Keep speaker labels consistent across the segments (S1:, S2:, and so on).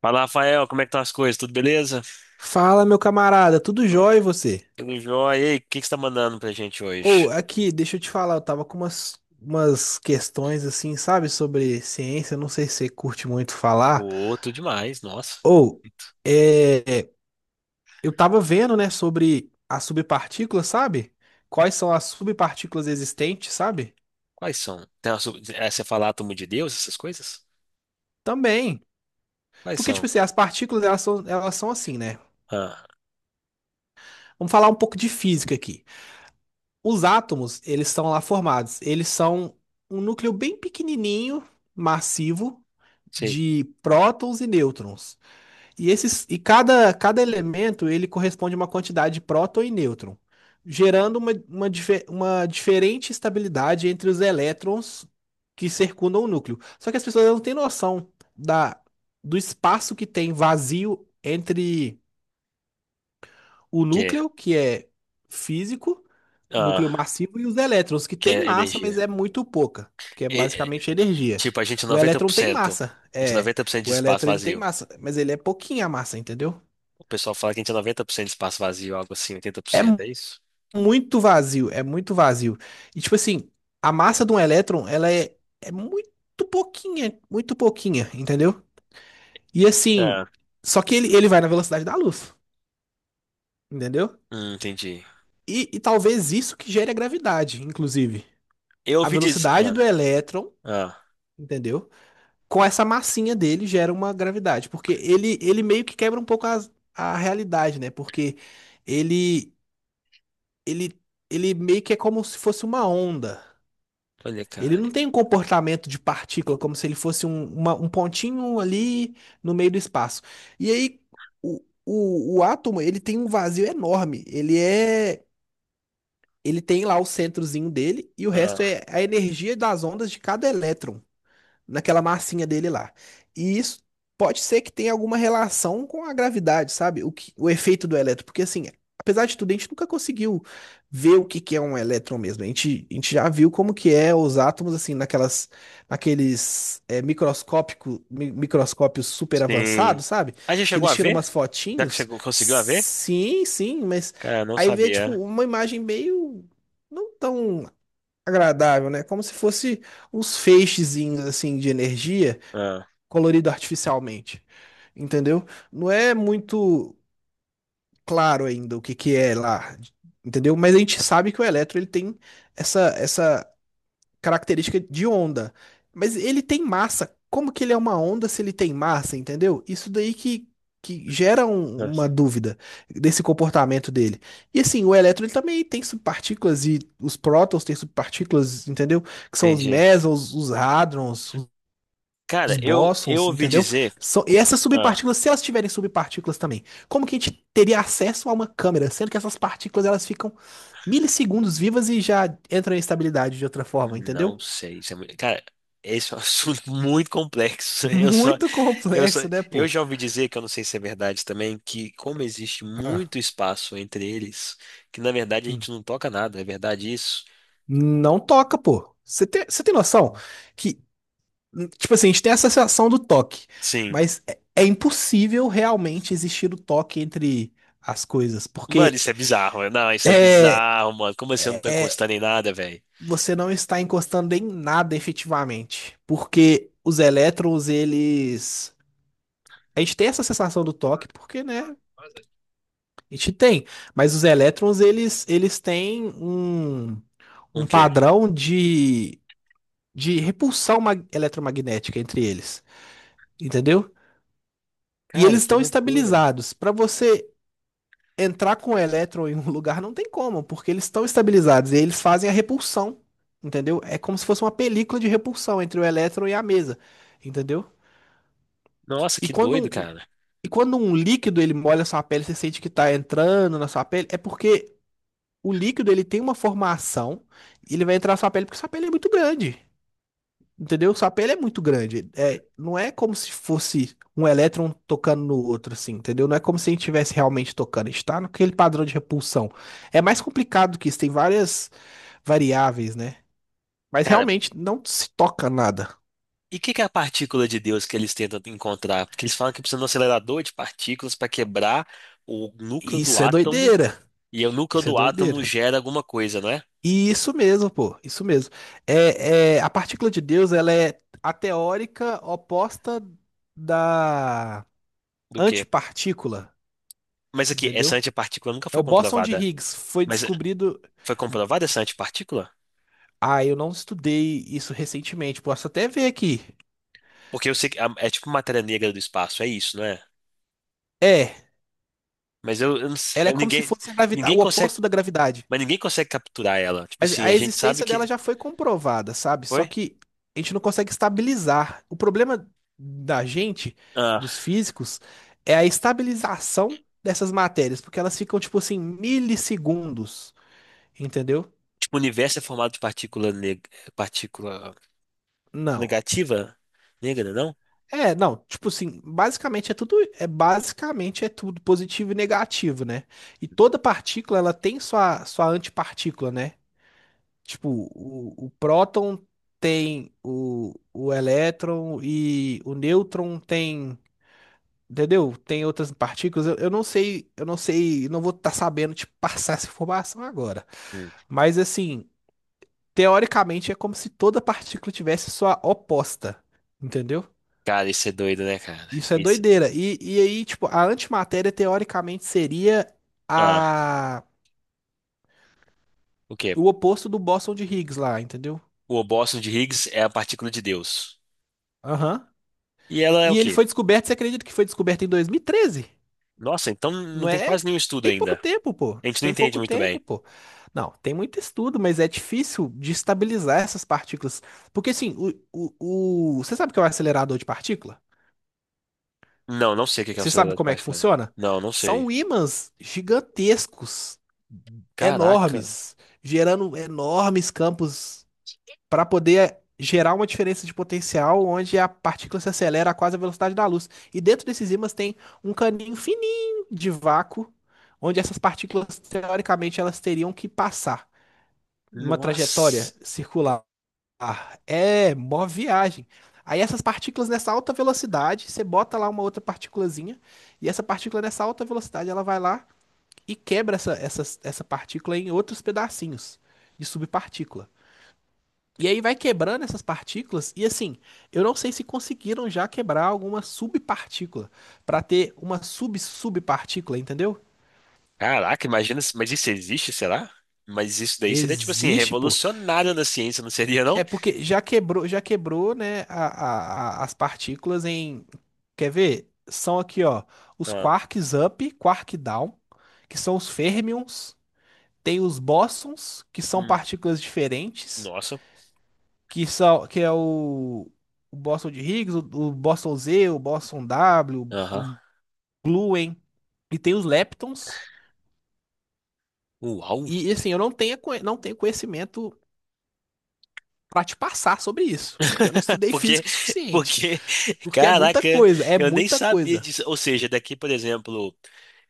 S1: Fala, Rafael, como é que estão as coisas? Tudo beleza?
S2: Fala, meu camarada, tudo jóia e você?
S1: Tudo jóia? E aí, o que que você tá mandando pra gente hoje?
S2: Ou aqui, deixa eu te falar, eu tava com umas questões assim, sabe, sobre ciência, não sei se você curte muito falar.
S1: Pô, tudo demais, nossa.
S2: Ou, é, é, eu tava vendo, né, sobre as subpartículas, sabe? Quais são as subpartículas existentes, sabe?
S1: Quais são? Tem uma, sub- é, você falar átomo de Deus, essas coisas?
S2: Também.
S1: Quais
S2: Porque, tipo
S1: são?
S2: assim, as partículas, elas são assim, né?
S1: Ah,
S2: Vamos falar um pouco de física aqui. Os átomos, eles estão lá formados, eles são um núcleo bem pequenininho, massivo
S1: sei.
S2: de prótons e nêutrons. E esses e cada elemento ele corresponde a uma quantidade de próton e nêutron, gerando uma diferente estabilidade entre os elétrons que circundam o núcleo. Só que as pessoas não têm noção da, do espaço que tem vazio entre
S1: O
S2: o
S1: quê?
S2: núcleo, que é físico,
S1: Ah,
S2: núcleo massivo, e os elétrons, que
S1: que
S2: tem
S1: é
S2: massa, mas
S1: energia.
S2: é muito pouca, que é
S1: E- e-
S2: basicamente energia.
S1: tipo, a gente é
S2: O elétron tem
S1: 90%. A
S2: massa,
S1: gente é
S2: é.
S1: 90% de
S2: O
S1: espaço
S2: elétron ele tem
S1: vazio.
S2: massa, mas ele é pouquinha a massa, entendeu?
S1: O pessoal fala que a gente é 90% de espaço vazio, algo assim,
S2: É
S1: 80%,
S2: mu-
S1: é isso?
S2: muito vazio, é muito vazio. E tipo assim, a massa de um elétron, ela é muito pouquinha, entendeu? E assim,
S1: Ah,
S2: só que ele vai na velocidade da luz, entendeu?
S1: entendi.
S2: E talvez isso que gere a gravidade, inclusive.
S1: Eu
S2: A
S1: ouvi dizer...
S2: velocidade do
S1: Ah,
S2: elétron,
S1: ah,
S2: entendeu? Com essa massinha dele gera uma gravidade, porque ele meio que quebra um pouco a realidade, né? Porque ele, ele, ele meio que é como se fosse uma onda.
S1: olha,
S2: Ele
S1: cara.
S2: não tem um comportamento de partícula, como se ele fosse um pontinho ali no meio do espaço. E aí, o, o átomo, ele tem um vazio enorme. Ele tem lá o centrozinho dele e o resto
S1: Ah,
S2: é a energia das ondas de cada elétron. Naquela massinha dele lá. E isso pode ser que tenha alguma relação com a gravidade, sabe? O efeito do elétron, porque assim, apesar de tudo, a gente nunca conseguiu ver o que que é um elétron mesmo. A gente já viu como que é os átomos assim naquelas naqueles é, microscópico, mi- microscópios super avançados,
S1: sim.
S2: sabe?
S1: A gente
S2: Que
S1: chegou
S2: eles
S1: a
S2: tiram
S1: ver?
S2: umas
S1: Já que você
S2: fotinhos.
S1: conseguiu a ver?
S2: Sim, sim, mas
S1: Cara, não
S2: aí vê tipo
S1: sabia.
S2: uma imagem meio não tão agradável, né? Como se fosse uns feixezinhos assim de energia
S1: Ah,
S2: colorido artificialmente, entendeu? Não é muito claro ainda o que que é lá, entendeu? Mas a gente sabe que o elétron ele tem essa característica de onda. Mas ele tem massa. Como que ele é uma onda se ele tem massa, entendeu? Isso daí que gera uma
S1: nossa.
S2: dúvida desse comportamento dele. E assim, o elétron ele também tem subpartículas e os prótons têm subpartículas, entendeu? Que são os
S1: Entendi.
S2: mesons, os hadrons, os
S1: Cara, eu
S2: bósons,
S1: ouvi
S2: entendeu?
S1: dizer.
S2: E essas
S1: Ah,
S2: subpartículas, se elas tiverem subpartículas também, como que a gente teria acesso a uma câmera, sendo que essas partículas elas ficam milissegundos vivas e já entram em estabilidade de outra forma,
S1: não
S2: entendeu?
S1: sei. Isso é muito... Cara, esse é um assunto muito complexo. Eu só,
S2: Muito
S1: eu só,
S2: complexo, né,
S1: eu
S2: pô?
S1: já ouvi dizer, que eu não sei se é verdade também, que como existe
S2: Ah,
S1: muito espaço entre eles, que na verdade a
S2: hum.
S1: gente não toca nada. É verdade isso?
S2: Não toca, pô. Você tem noção que, tipo assim, a gente tem essa sensação do toque,
S1: Sim.
S2: mas é impossível realmente existir o toque entre as coisas,
S1: Mano,
S2: porque
S1: isso é bizarro, né? Não, isso é
S2: é,
S1: bizarro, mano. Como assim eu não tô
S2: é-
S1: encostando em nada, velho?
S2: você não está encostando em nada efetivamente, porque os elétrons, eles... A gente tem essa sensação do toque porque, né, a gente tem, mas os elétrons, eles têm um,
S1: Um
S2: um
S1: quê?
S2: padrão de repulsão eletromagnética entre eles, entendeu? E
S1: Cara,
S2: eles
S1: que
S2: estão
S1: loucura.
S2: estabilizados. Para você entrar com o elétron em um lugar não tem como, porque eles estão estabilizados e eles fazem a repulsão, entendeu? É como se fosse uma película de repulsão entre o elétron e a mesa, entendeu?
S1: Nossa,
S2: E
S1: que
S2: quando
S1: doido,
S2: um,
S1: cara.
S2: e quando um líquido ele molha a sua pele, você sente que está entrando na sua pele, é porque o líquido ele tem uma formação e ele vai entrar na sua pele porque sua pele é muito grande. Entendeu? O sapé ele é muito grande. É, não é como se fosse um elétron tocando no outro, assim, entendeu? Não é como se a gente estivesse realmente tocando. A gente tá naquele padrão de repulsão. É mais complicado que isso, tem várias variáveis, né? Mas
S1: Cara,
S2: realmente não se toca nada.
S1: e o que que é a partícula de Deus que eles tentam encontrar? Porque eles falam que precisa de um acelerador de partículas para quebrar o núcleo do
S2: Isso é
S1: átomo,
S2: doideira.
S1: e o núcleo
S2: Isso é
S1: do átomo
S2: doideira.
S1: gera alguma coisa, não é?
S2: E isso mesmo, pô. Isso mesmo. A partícula de Deus, ela é a teórica oposta da
S1: Do quê?
S2: antipartícula,
S1: Mas aqui,
S2: entendeu?
S1: essa antipartícula nunca
S2: É
S1: foi
S2: o bóson de
S1: comprovada.
S2: Higgs. Foi
S1: Mas
S2: descobrido.
S1: foi comprovada essa antipartícula?
S2: Ah, eu não estudei isso recentemente. Posso até ver aqui.
S1: Porque eu sei que é tipo matéria negra do espaço, é isso, não é?
S2: É,
S1: Mas eu não
S2: ela
S1: sei-
S2: é
S1: eu-
S2: como se
S1: ninguém,
S2: fosse a gravidade,
S1: ninguém
S2: o
S1: consegue,
S2: oposto da gravidade.
S1: mas ninguém consegue capturar ela. Tipo
S2: Mas
S1: assim,
S2: a
S1: a gente sabe
S2: existência dela
S1: que
S2: já foi comprovada, sabe? Só
S1: foi?
S2: que a gente não consegue estabilizar. O problema da gente, dos
S1: Ah,
S2: físicos, é a estabilização dessas matérias, porque elas ficam, tipo assim, milissegundos, entendeu?
S1: tipo, o universo é formado de partícula
S2: Não.
S1: negativa, negra, não?
S2: É, não, tipo assim, basicamente é tudo positivo e negativo, né? E toda partícula ela tem sua antipartícula, né? Tipo, o próton tem o elétron e o nêutron tem, entendeu? Tem outras partículas. Eu não sei, não vou estar sabendo te passar essa informação agora.
S1: Hum.
S2: Mas assim, teoricamente é como se toda partícula tivesse sua oposta, entendeu?
S1: Cara, isso é doido, né, cara?
S2: Isso é
S1: Isso.
S2: doideira. E aí, tipo, a antimatéria teoricamente seria
S1: Ah,
S2: a
S1: o quê?
S2: o oposto do bóson de Higgs lá, entendeu?
S1: O óbolo de Higgs é a partícula de Deus.
S2: Aham.
S1: E ela é o
S2: E ele
S1: quê?
S2: foi descoberto, você acredita que foi descoberto em 2013?
S1: Nossa, então
S2: Não
S1: não tem
S2: é?
S1: quase nenhum estudo
S2: Tem pouco
S1: ainda.
S2: tempo, pô.
S1: A gente não
S2: Tem
S1: entende
S2: pouco
S1: muito bem.
S2: tempo, pô. Não, tem muito estudo, mas é difícil de estabilizar essas partículas. Porque assim, você sabe o que é o acelerador de partícula?
S1: Não, não sei o que é uma
S2: Você sabe
S1: sociedade
S2: como é que
S1: particular.
S2: funciona?
S1: Não, não sei.
S2: São ímãs gigantescos,
S1: Caraca.
S2: enormes, gerando enormes campos para poder gerar uma diferença de potencial onde a partícula se acelera a quase a velocidade da luz. E dentro desses ímãs tem um caninho fininho de vácuo, onde essas partículas, teoricamente, elas teriam que passar numa trajetória
S1: Nossa.
S2: circular. Ah, é, mó viagem. Aí essas partículas nessa alta velocidade, você bota lá uma outra partículazinha, e essa partícula nessa alta velocidade, ela vai lá e quebra essa partícula em outros pedacinhos de subpartícula. E aí vai quebrando essas partículas, e assim, eu não sei se conseguiram já quebrar alguma subpartícula para ter uma sub-subpartícula, entendeu?
S1: Caraca, imagina, se- mas isso existe, será? Mas isso daí seria, tipo assim,
S2: Existe, pô.
S1: revolucionário na ciência, não seria, não?
S2: É porque já quebrou, né, as partículas em. Quer ver? São aqui, ó, os
S1: Ah,
S2: quarks up, quark down, que são os fermions, tem os bósons, que são
S1: hum,
S2: partículas diferentes,
S1: nossa.
S2: que é o bóson de Higgs, o bóson Z, o bóson W,
S1: Aham.
S2: o gluon, e tem os leptons.
S1: Uau.
S2: E assim, eu não tenho conhecimento para te passar sobre isso, porque eu não estudei
S1: Porque,
S2: física o suficiente,
S1: porque,
S2: porque é muita
S1: caraca,
S2: coisa, é
S1: eu nem
S2: muita
S1: sabia
S2: coisa.
S1: disso. Ou seja, daqui, por exemplo,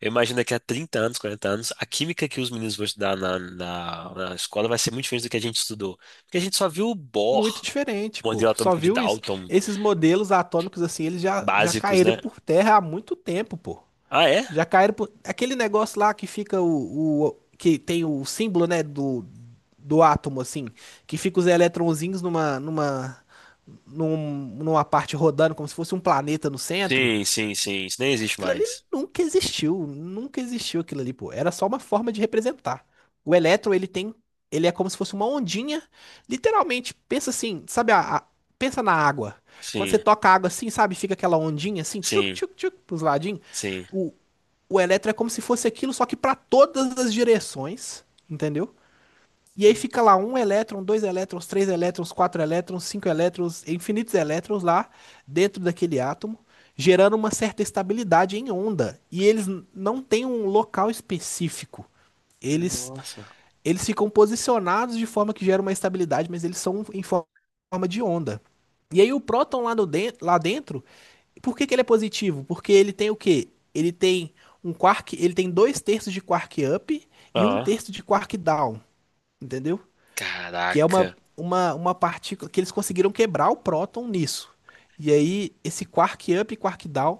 S1: eu imagino daqui a 30 anos, 40 anos, a química que os meninos vão estudar na escola vai ser muito diferente do que a gente estudou. Porque a gente só viu o Bohr,
S2: Muito diferente, pô.
S1: modelo
S2: Só
S1: atômico de
S2: viu isso?
S1: Dalton,
S2: Esses modelos atômicos, assim, eles já, já
S1: básicos,
S2: caíram
S1: né?
S2: por terra há muito tempo, pô.
S1: Ah, é?
S2: Já caíram por. Aquele negócio lá que fica que tem o símbolo, né, do átomo, assim, que fica os eletrõezinhos numa parte rodando, como se fosse um planeta no centro.
S1: Sim, sim, sim. Isso nem existe
S2: Aquilo ali
S1: mais.
S2: nunca existiu, nunca existiu aquilo ali, pô. Era só uma forma de representar. O elétron, ele é como se fosse uma ondinha, literalmente, pensa assim, sabe pensa na água. Quando você
S1: Sim,
S2: toca a água assim, sabe, fica aquela ondinha assim, tchuc,
S1: sim,
S2: tchuc, tchuc, pros ladinhos.
S1: sim.
S2: O, o elétron é como se fosse aquilo, só que para todas as direções, entendeu? E aí fica lá um elétron, dois elétrons, três elétrons, quatro elétrons, cinco elétrons, infinitos elétrons lá dentro daquele átomo, gerando uma certa estabilidade em onda. E eles não têm um local específico. Eles,
S1: Nossa.
S2: eles ficam posicionados de forma que gera uma estabilidade, mas eles são em forma de onda. E aí o próton lá, no den- lá dentro, por que que ele é positivo? Porque ele tem o quê? Ele tem um quark, ele tem dois terços de quark up e um
S1: Ah,
S2: terço de quark down, entendeu? Que é uma,
S1: caraca.
S2: uma, uma partícula que eles conseguiram quebrar o próton nisso. E aí, esse quark up e quark down,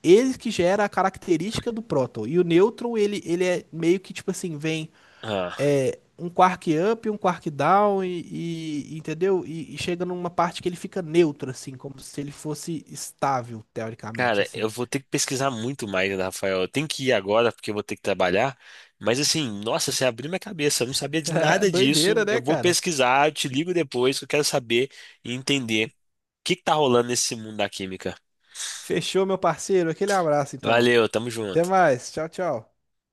S2: ele que gera a característica do próton. E o nêutron, ele é meio que tipo assim, vem
S1: Ah.
S2: um quark up, um quark down, entendeu? E chega numa parte que ele fica neutro, assim, como se ele fosse estável, teoricamente,
S1: Cara, eu
S2: assim.
S1: vou ter que pesquisar muito mais, né, Rafael. Eu tenho que ir agora porque eu vou ter que trabalhar. Mas assim, nossa, você abriu minha cabeça. Eu não sabia de nada disso.
S2: Doideira, né,
S1: Eu vou
S2: cara?
S1: pesquisar, eu te ligo depois, que eu quero saber e entender o que que tá rolando nesse mundo da química.
S2: Fechou, meu parceiro. Aquele abraço, então.
S1: Valeu, tamo
S2: Até
S1: junto.
S2: mais. Tchau, tchau.